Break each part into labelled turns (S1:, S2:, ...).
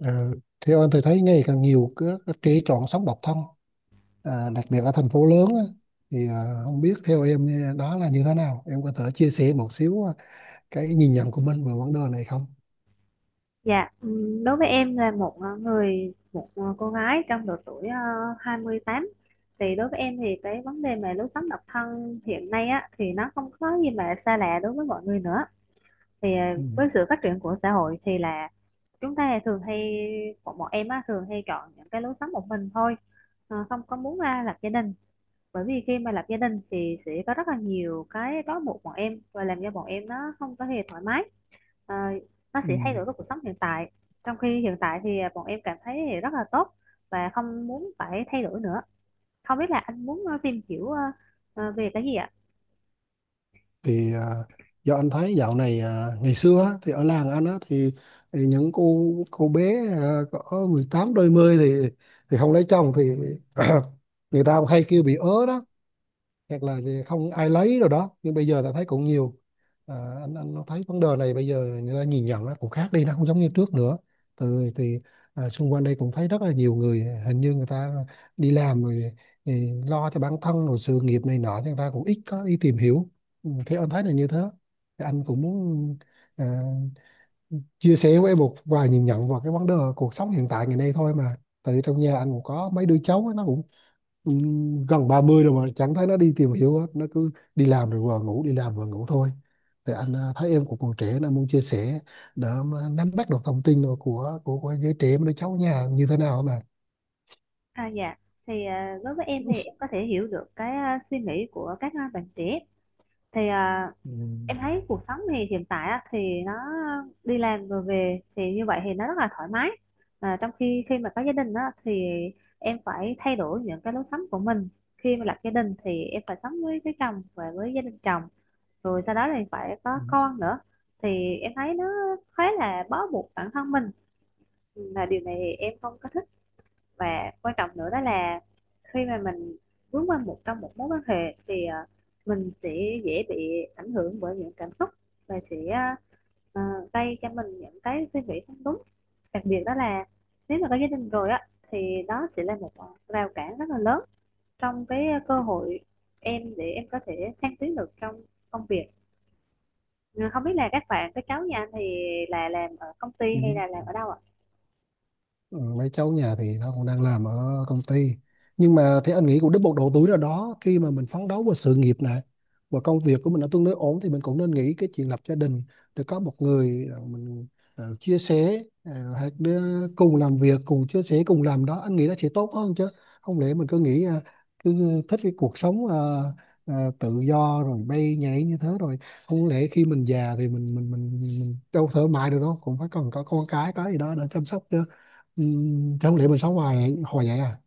S1: Ờ, theo anh thì thấy ngày càng nhiều cái trẻ chọn sống độc thân, à, đặc biệt ở thành phố lớn á, thì không biết theo em, đó là như thế nào, em có thể chia sẻ một xíu, à, cái nhìn nhận của mình về vấn đề này không?
S2: Dạ, đối với em là một người một cô gái trong độ tuổi 28. Thì đối với em thì cái vấn đề mà lối sống độc thân hiện nay á thì nó không có gì mà xa lạ đối với mọi người nữa. Thì ờ,
S1: Ừ.
S2: với sự phát triển của xã hội thì là chúng ta thường hay bọn bọn em á thường hay chọn những cái lối sống một mình thôi, không có muốn ra lập gia đình. Bởi vì khi mà lập gia đình thì sẽ có rất là nhiều cái trói buộc bọn em và làm cho bọn em nó không có hề thoải mái ờ, nó
S1: Ừ.
S2: sẽ thay đổi với cuộc sống hiện tại, trong khi hiện tại thì à, bọn em cảm thấy rất là tốt và không muốn phải thay đổi nữa. Không biết là anh muốn tìm hiểu về cái gì ạ?
S1: Thì do anh thấy dạo này, à, ngày xưa á, thì ở làng anh á, thì những cô bé, à, có 18 đôi mươi thì không lấy chồng thì người ta hay kêu bị ớ đó, hoặc là gì không ai lấy rồi đó, nhưng bây giờ ta thấy cũng nhiều, à, anh thấy vấn đề này bây giờ người ta nhìn nhận nó cũng khác đi, nó không giống như trước nữa. Từ thì, à, xung quanh đây cũng thấy rất là nhiều người, hình như người ta đi làm rồi thì lo cho bản thân rồi sự nghiệp này nọ, cho người ta cũng ít có đi tìm hiểu. Ừ, thì anh thấy là như thế. Thì anh cũng muốn, à, chia sẻ với em một vài nhìn nhận vào cái vấn đề cuộc sống hiện tại ngày nay thôi mà, tại trong nhà anh cũng có mấy đứa cháu ấy, nó cũng gần 30 rồi mà chẳng thấy nó đi tìm hiểu hết, nó cứ đi làm rồi vừa ngủ, đi làm vừa ngủ thôi. Thì anh thấy em cũng còn trẻ nên muốn chia sẻ để mà nắm bắt được thông tin rồi của giới trẻ mấy đứa cháu nhà như thế nào mà.
S2: À dạ, thì ờ, đối với em thì em có thể hiểu được cái suy nghĩ của các bạn trẻ, thì ờ,
S1: Ừ.
S2: em thấy cuộc sống thì hiện tại á, thì nó đi làm rồi về thì như vậy thì nó rất là thoải mái. À, trong khi khi mà có gia đình á, thì em phải thay đổi những cái lối sống của mình, khi mà lập gia đình thì em phải sống với chồng và với gia đình chồng, rồi sau đó thì phải có con nữa, thì em thấy nó khá là bó buộc bản thân mình, là điều này thì em không có thích. Và quan trọng nữa đó là khi mà mình vướng qua một trong một mối quan hệ mình sẽ dễ bị ảnh hưởng bởi những cảm xúc và sẽ ờ, gây cho mình những cái suy nghĩ không đúng. Đặc biệt đó là nếu mà có gia đình rồi á thì đó sẽ là một rào cản rất là lớn trong cái cơ hội em để em có thể thăng tiến được trong công việc. Ừ, không biết là các bạn các cháu nhà anh thì là làm ở công ty
S1: Ừ.
S2: hay là làm ở đâu ạ?
S1: Ừ, mấy cháu nhà thì nó cũng đang làm ở công ty, nhưng mà thì anh nghĩ cũng đến một độ tuổi nào đó khi mà mình phấn đấu vào sự nghiệp này và công việc của mình nó tương đối ổn thì mình cũng nên nghĩ cái chuyện lập gia đình, để có một người, ờ, mình, ờ, chia sẻ, ờ, hay đứa cùng làm việc cùng chia sẻ cùng làm đó, anh nghĩ nó sẽ tốt hơn chứ. Không lẽ mình cứ nghĩ, à, cứ thích cái cuộc sống, à, à, tự do rồi bay nhảy như thế rồi, không lẽ khi mình già thì mình đâu thoải mái được đâu, cũng phải cần có con cái có gì đó để chăm sóc chứ. Ừ, thế không lẽ mình sống hoài hồi vậy à?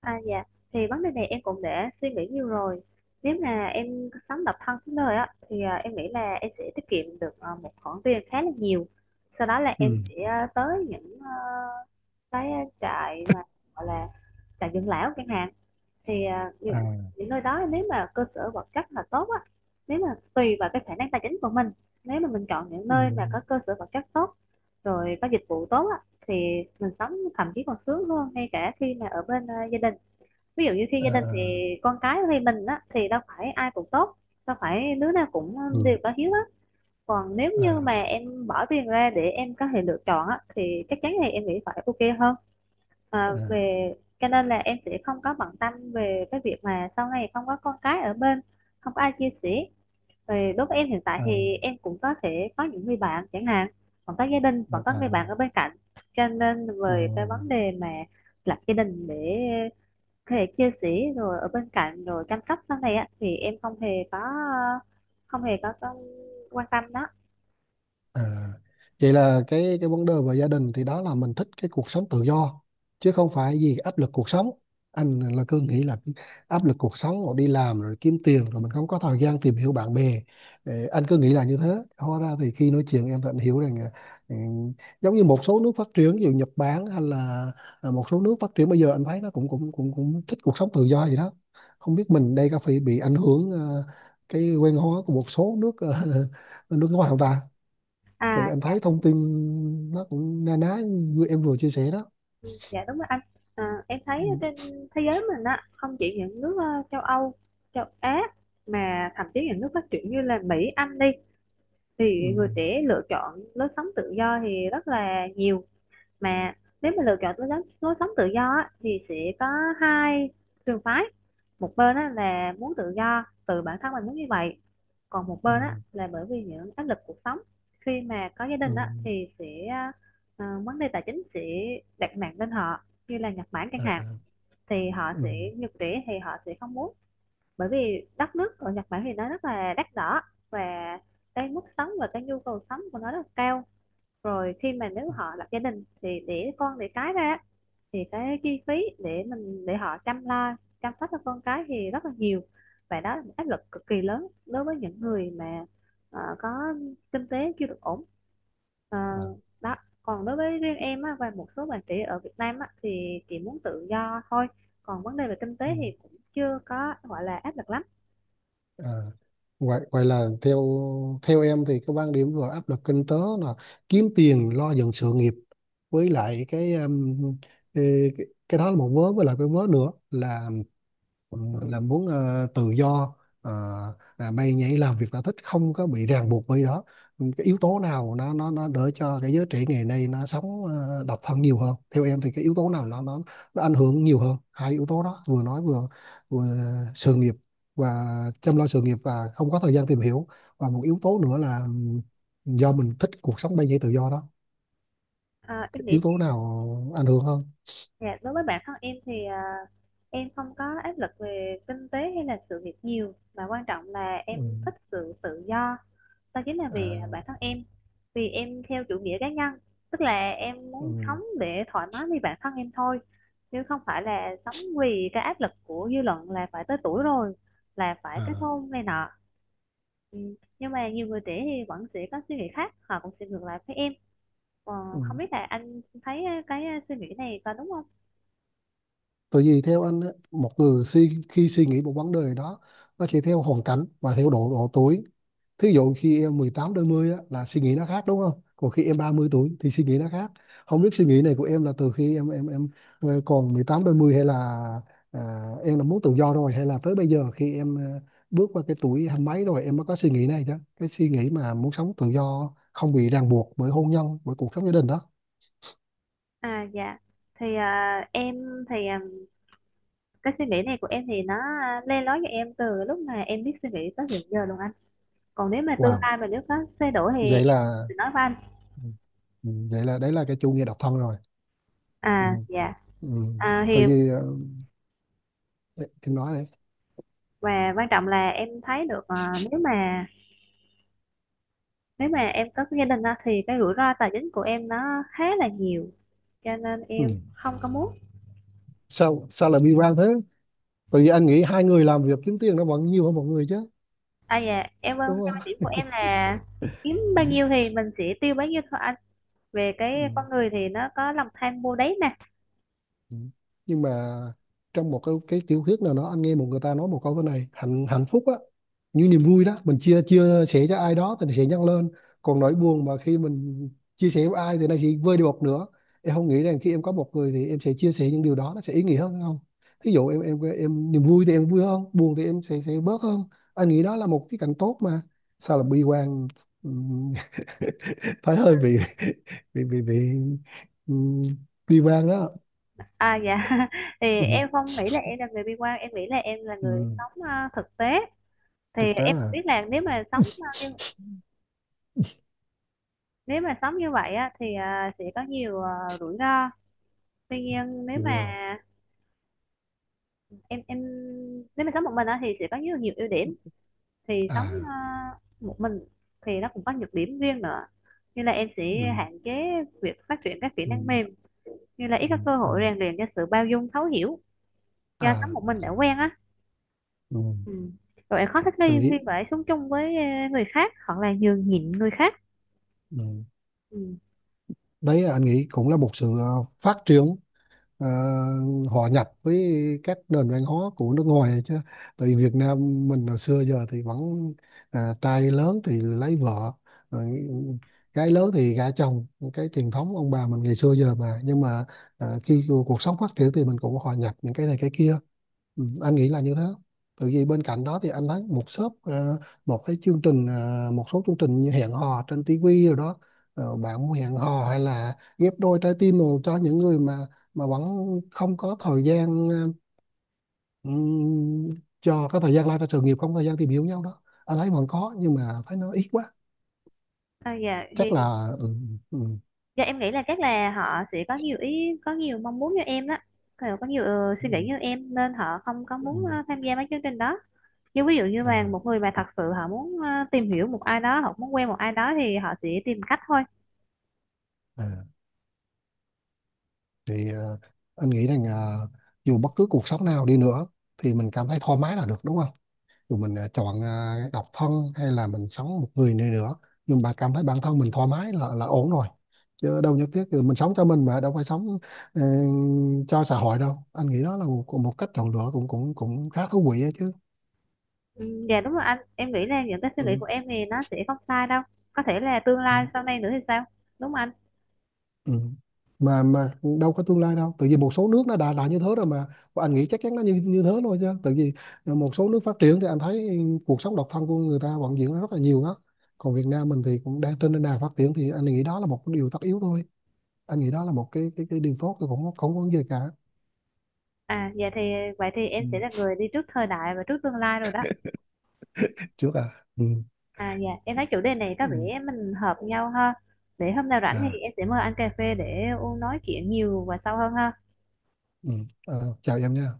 S2: À dạ, thì vấn đề này em cũng đã suy nghĩ nhiều rồi. Nếu mà em sống độc thân suốt đời á, thì à, em nghĩ là em sẽ tiết kiệm được à, một khoản tiền khá là nhiều. Sau đó là em
S1: Ừ.
S2: sẽ à, tới những à, cái trại mà gọi là trại dưỡng lão chẳng hạn. Thì à,
S1: À.
S2: những nơi đó nếu mà cơ sở vật chất là tốt á, nếu mà tùy vào cái khả năng tài chính của mình. Nếu mà mình chọn những
S1: Ừ.
S2: nơi mà có cơ sở vật chất tốt, rồi có dịch vụ tốt á, thì mình sống thậm chí còn sướng hơn ngay cả khi mà ở bên à, gia đình. Ví dụ như khi
S1: À.
S2: gia
S1: À.
S2: đình thì con cái thì mình á thì đâu phải ai cũng tốt, đâu phải đứa nào cũng
S1: Ừ.
S2: đều có hiếu á. Còn nếu như mà
S1: À.
S2: em bỏ tiền ra để em có thể lựa chọn á thì chắc chắn thì em nghĩ phải ok hơn à,
S1: À.
S2: về, cho nên là em sẽ không có bận tâm về cái việc mà sau này không có con cái ở bên, không có ai chia sẻ. Về đối với em hiện tại
S1: À.
S2: thì em cũng có thể có những người bạn chẳng hạn, còn có gia đình
S1: À.
S2: còn có
S1: À.
S2: người bạn ở bên cạnh, cho nên
S1: Ừ.
S2: về cái vấn đề mà lập gia đình để thể chia sẻ rồi ở bên cạnh rồi chăm sóc sau này á thì em không hề có, không hề có quan tâm đó.
S1: À, vậy là cái vấn đề về gia đình thì đó là mình thích cái cuộc sống tự do, chứ không phải vì áp lực cuộc sống. Anh là cứ nghĩ là áp lực cuộc sống rồi đi làm rồi kiếm tiền rồi mình không có thời gian tìm hiểu bạn bè. Ờ, anh cứ nghĩ là như thế. Hóa ra thì khi nói chuyện em tận hiểu rằng, ừ, giống như một số nước phát triển, ví dụ Nhật Bản, hay là, à, một số nước phát triển bây giờ anh thấy nó cũng cũng cũng cũng thích cuộc sống tự do gì đó. Không biết mình đây có phải bị ảnh hưởng, ờ, cái quen hóa của một số nước, ờ, nước ngoài không ta.
S2: À
S1: Tự anh thấy thông tin nó cũng na ná như em vừa chia sẻ đó.
S2: ừ, dạ đúng rồi anh, à, em thấy
S1: Ừ.
S2: trên thế giới mình á không chỉ những nước châu Âu, châu Á, mà thậm chí những nước phát triển như là Mỹ Anh đi
S1: Ừ.
S2: thì người trẻ lựa chọn lối sống tự do thì rất là nhiều. Mà nếu mà lựa chọn lối sống tự do á, thì sẽ có hai trường phái: một bên á, là muốn tự do từ bản thân mình muốn như vậy, còn một
S1: Ừ.
S2: bên á, là bởi vì những áp lực cuộc sống. Khi mà có gia
S1: Ừ.
S2: đình á, thì sẽ vấn đề tài chính sẽ đặt nặng lên họ, như là Nhật Bản chẳng
S1: À.
S2: hạn, thì họ
S1: Ừ.
S2: sẽ nhật trẻ thì họ sẽ không muốn, bởi vì đất nước ở Nhật Bản thì nó rất là đắt đỏ, và cái mức sống và cái nhu cầu sống của nó rất là cao. Rồi khi mà nếu họ lập gia đình thì để con để cái ra thì cái chi phí để mình để họ chăm lo, chăm sóc cho con cái thì rất là nhiều, và đó là một áp lực cực kỳ lớn đối với những người mà có kinh tế chưa được ổn. Ờ,
S1: À.
S2: đó, còn đối với riêng em á, và một số bạn trẻ ở Việt Nam á, thì chị muốn tự do thôi, còn vấn đề về kinh
S1: Ừ.
S2: tế thì cũng chưa có gọi là áp lực lắm.
S1: À. Vậy, vậy là theo, theo em thì cái quan điểm vừa áp lực kinh tế là kiếm tiền lo dựng sự nghiệp, với lại cái cái đó là một vớ, với lại cái vớ nữa là, ờ, là muốn, ờ, tự do, ờ, à, bay nhảy làm việc ta thích không có bị ràng buộc bởi đó. Ừ, cái yếu tố nào nó đỡ cho cái giới trẻ ngày nay nó sống, ờ, độc thân nhiều hơn, theo em thì cái yếu tố nào nó ảnh hưởng nhiều hơn hai yếu tố đó vừa nói, vừa vừa sự nghiệp và chăm lo sự nghiệp và không có thời gian tìm hiểu, và một yếu tố nữa là, do mình thích cuộc sống bay nhảy tự do đó.
S2: Ờ, em
S1: Cái
S2: nghĩ
S1: yếu
S2: thì
S1: tố nào ảnh hưởng hơn?
S2: dạ, đối với bản thân em thì ờ, em không có áp lực về kinh tế hay là sự việc nhiều mà quan trọng là
S1: Ừ.
S2: em thích sự tự do. Đó chính là vì à, bản
S1: À,
S2: thân em. Vì em theo chủ nghĩa cá nhân, tức là em muốn sống
S1: ừ.
S2: để thoải mái với bản thân em thôi. Chứ không phải là sống vì cái áp lực của dư luận là phải tới tuổi rồi, là phải kết
S1: À.
S2: hôn này nọ. Ừ. Nhưng mà nhiều người trẻ thì vẫn sẽ có suy nghĩ khác, họ cũng sẽ ngược lại với em. Ờ,
S1: Ừ.
S2: không biết là anh thấy cái à, suy nghĩ này có đúng không?
S1: Tại vì theo anh á, một người suy, khi suy nghĩ một vấn đề đó nó sẽ theo hoàn cảnh và theo độ độ tuổi. Thí dụ khi em 18 đến 10 á, là suy nghĩ nó khác đúng không? Còn khi em 30 tuổi thì suy nghĩ nó khác. Không biết suy nghĩ này của em là từ khi em còn 18 đến 10 hay là, à, em đã muốn tự do rồi, hay là tới bây giờ khi em, à, bước qua cái tuổi hai mấy rồi em mới có suy nghĩ này chứ. Cái suy nghĩ mà muốn sống tự do không bị ràng buộc bởi hôn nhân, bởi cuộc sống gia đình đó.
S2: À dạ thì à, em thì à, cái suy nghĩ này của em thì nó à, le lói cho em từ lúc mà em biết suy nghĩ tới hiện giờ luôn anh, còn nếu mà tương
S1: Wow.
S2: lai mà nếu có thay đổi thì
S1: Vậy
S2: em
S1: là,
S2: sẽ nói với anh.
S1: ừ, vậy là đấy là cái chủ nghĩa độc thân rồi. Ừ,
S2: À dạ,
S1: ừ.
S2: à,
S1: Tại
S2: thì
S1: vì, ờ, em nói này.
S2: và quan trọng là em thấy được à, nếu mà nếu mà em có gia đình á, thì cái rủi ro tài chính của em nó khá là nhiều, cho nên
S1: Ừ.
S2: em không có muốn.
S1: sao sao lại bi quan thế? Tại vì anh nghĩ hai người làm việc kiếm tiền nó vẫn nhiều hơn một người chứ,
S2: À dạ em quan theo
S1: đúng không?
S2: quan điểm của em là kiếm
S1: Ừ.
S2: bao nhiêu thì mình sẽ tiêu bấy nhiêu thôi anh, về
S1: Ừ.
S2: cái con người thì nó có lòng tham vô đáy.
S1: Ừ. Nhưng mà trong một cái tiểu thuyết nào đó anh nghe một người ta nói một câu thế này: hạnh hạnh phúc á, như niềm vui đó mình chia chia sẻ cho ai đó thì nó sẽ nhân lên, còn nỗi buồn mà khi mình chia sẻ với ai thì nó sẽ vơi đi một nửa. Em không nghĩ rằng khi em có một người thì em sẽ chia sẻ những điều đó nó sẽ ý nghĩa hơn hay không? Ví dụ em em niềm vui thì em vui hơn, buồn thì em sẽ bớt hơn. Anh nghĩ đó là một cái cảnh tốt mà, sao là bi quan? Ừm, thấy hơi bị ừm, bi quan đó.
S2: À dạ thì
S1: Ừ.
S2: em không nghĩ là em là người bi quan, em nghĩ là em là người
S1: Ừ,
S2: sống thực tế, thì
S1: thực tế
S2: em không
S1: là
S2: biết là nếu mà sống như nếu mà sống như vậy á, thì sẽ có nhiều rủi ro. Tuy nhiên nếu
S1: được
S2: mà
S1: rồi.
S2: em nếu mà sống một mình á, thì sẽ có nhiều nhiều ưu điểm, thì sống
S1: À.
S2: một mình thì nó cũng có nhược điểm riêng nữa, như là em
S1: Ừ,
S2: sẽ hạn chế việc phát triển các kỹ
S1: ừ,
S2: năng mềm, như là ít
S1: ừ,
S2: có cơ
S1: à,
S2: hội rèn luyện cho sự bao dung thấu hiểu do sống
S1: à.
S2: một mình đã quen á.
S1: Ừ,
S2: Ừ. Rồi bạn khó thích
S1: tôi
S2: nghi khi
S1: nghĩ.
S2: phải sống chung với người khác hoặc là nhường nhịn người khác.
S1: Ừ.
S2: Ừ.
S1: Đấy là anh nghĩ cũng là một sự, ờ, phát triển, ờ, hòa nhập với các nền văn hóa của nước ngoài chứ. Tại vì Việt Nam mình hồi xưa giờ thì vẫn, à, trai lớn thì lấy vợ rồi, gái lớn thì gả chồng, cái truyền thống ông bà mình ngày xưa giờ mà. Nhưng mà, à, khi cuộc cuộc sống phát triển thì mình cũng hòa nhập những cái này cái kia. Ừ, anh nghĩ là như thế. Tại vì bên cạnh đó thì anh thấy một shop, ờ, một cái chương trình, ờ, một số chương trình như hẹn hò trên tivi rồi đó. Ờ, bạn muốn hẹn hò, hay là ghép đôi trái tim rồi, cho những người mà vẫn không có thời gian, ờ, ừm, cho cái thời gian lo cho sự nghiệp không có thời gian tìm hiểu nhau đó, anh thấy vẫn có nhưng mà thấy nó ít quá.
S2: À, dạ thì
S1: Chắc là ừ. Ừ,
S2: dạ, em nghĩ là chắc là họ sẽ có nhiều ý có nhiều mong muốn như em đó. Kiểu có nhiều suy nghĩ
S1: ừ,
S2: như em nên họ không có
S1: ừ,
S2: muốn
S1: ừ,
S2: tham gia mấy chương trình đó, nhưng ví dụ như là
S1: à,
S2: một người mà thật sự họ muốn tìm hiểu một ai đó hoặc muốn quen một ai đó thì họ sẽ tìm cách thôi.
S1: à. Thì, ờ, anh nghĩ rằng, ờ, dù bất cứ cuộc sống nào đi nữa thì mình cảm thấy thoải mái là được, đúng không? Dù mình, ờ, chọn, ờ, độc thân hay là mình sống một người này nữa, nhưng mà cảm thấy bản thân mình thoải mái là ổn rồi. Chứ đâu nhất thiết thì mình sống cho mình mà đâu phải sống, ờ, cho xã hội đâu. Anh nghĩ đó là một, một cách chọn lựa cũng cũng cũng khá thú vị ấy chứ.
S2: Ừ, dạ đúng rồi anh, em nghĩ là những cái suy nghĩ
S1: Ừ.
S2: của em thì nó sẽ không sai đâu, có thể là tương
S1: Ừ.
S2: lai sau này nữa thì sao, đúng không anh?
S1: Ừ. Mà đâu có tương lai đâu, tự vì một số nước nó đã như thế rồi mà. Và anh nghĩ chắc chắn nó như như thế thôi, chứ tự vì một số nước phát triển thì anh thấy cuộc sống độc thân của người ta vẫn diễn ra rất là nhiều đó. Còn Việt Nam mình thì cũng đang trên nền đà phát triển thì anh nghĩ đó là một cái điều tất yếu thôi. Anh nghĩ đó là một cái điều tốt, tôi cũng không không có vấn gì cả.
S2: À dạ thì vậy thì em sẽ là
S1: Ừ.
S2: người đi trước thời đại và trước tương lai rồi đó.
S1: Thích trước à? Ừ.
S2: À dạ em thấy chủ đề này có
S1: Ừ.
S2: vẻ mình hợp nhau ha. Để hôm nào rảnh thì
S1: À.
S2: em sẽ mời anh cà phê để u nói chuyện nhiều và sâu hơn ha.
S1: Ừ. Ờ, chào em nha.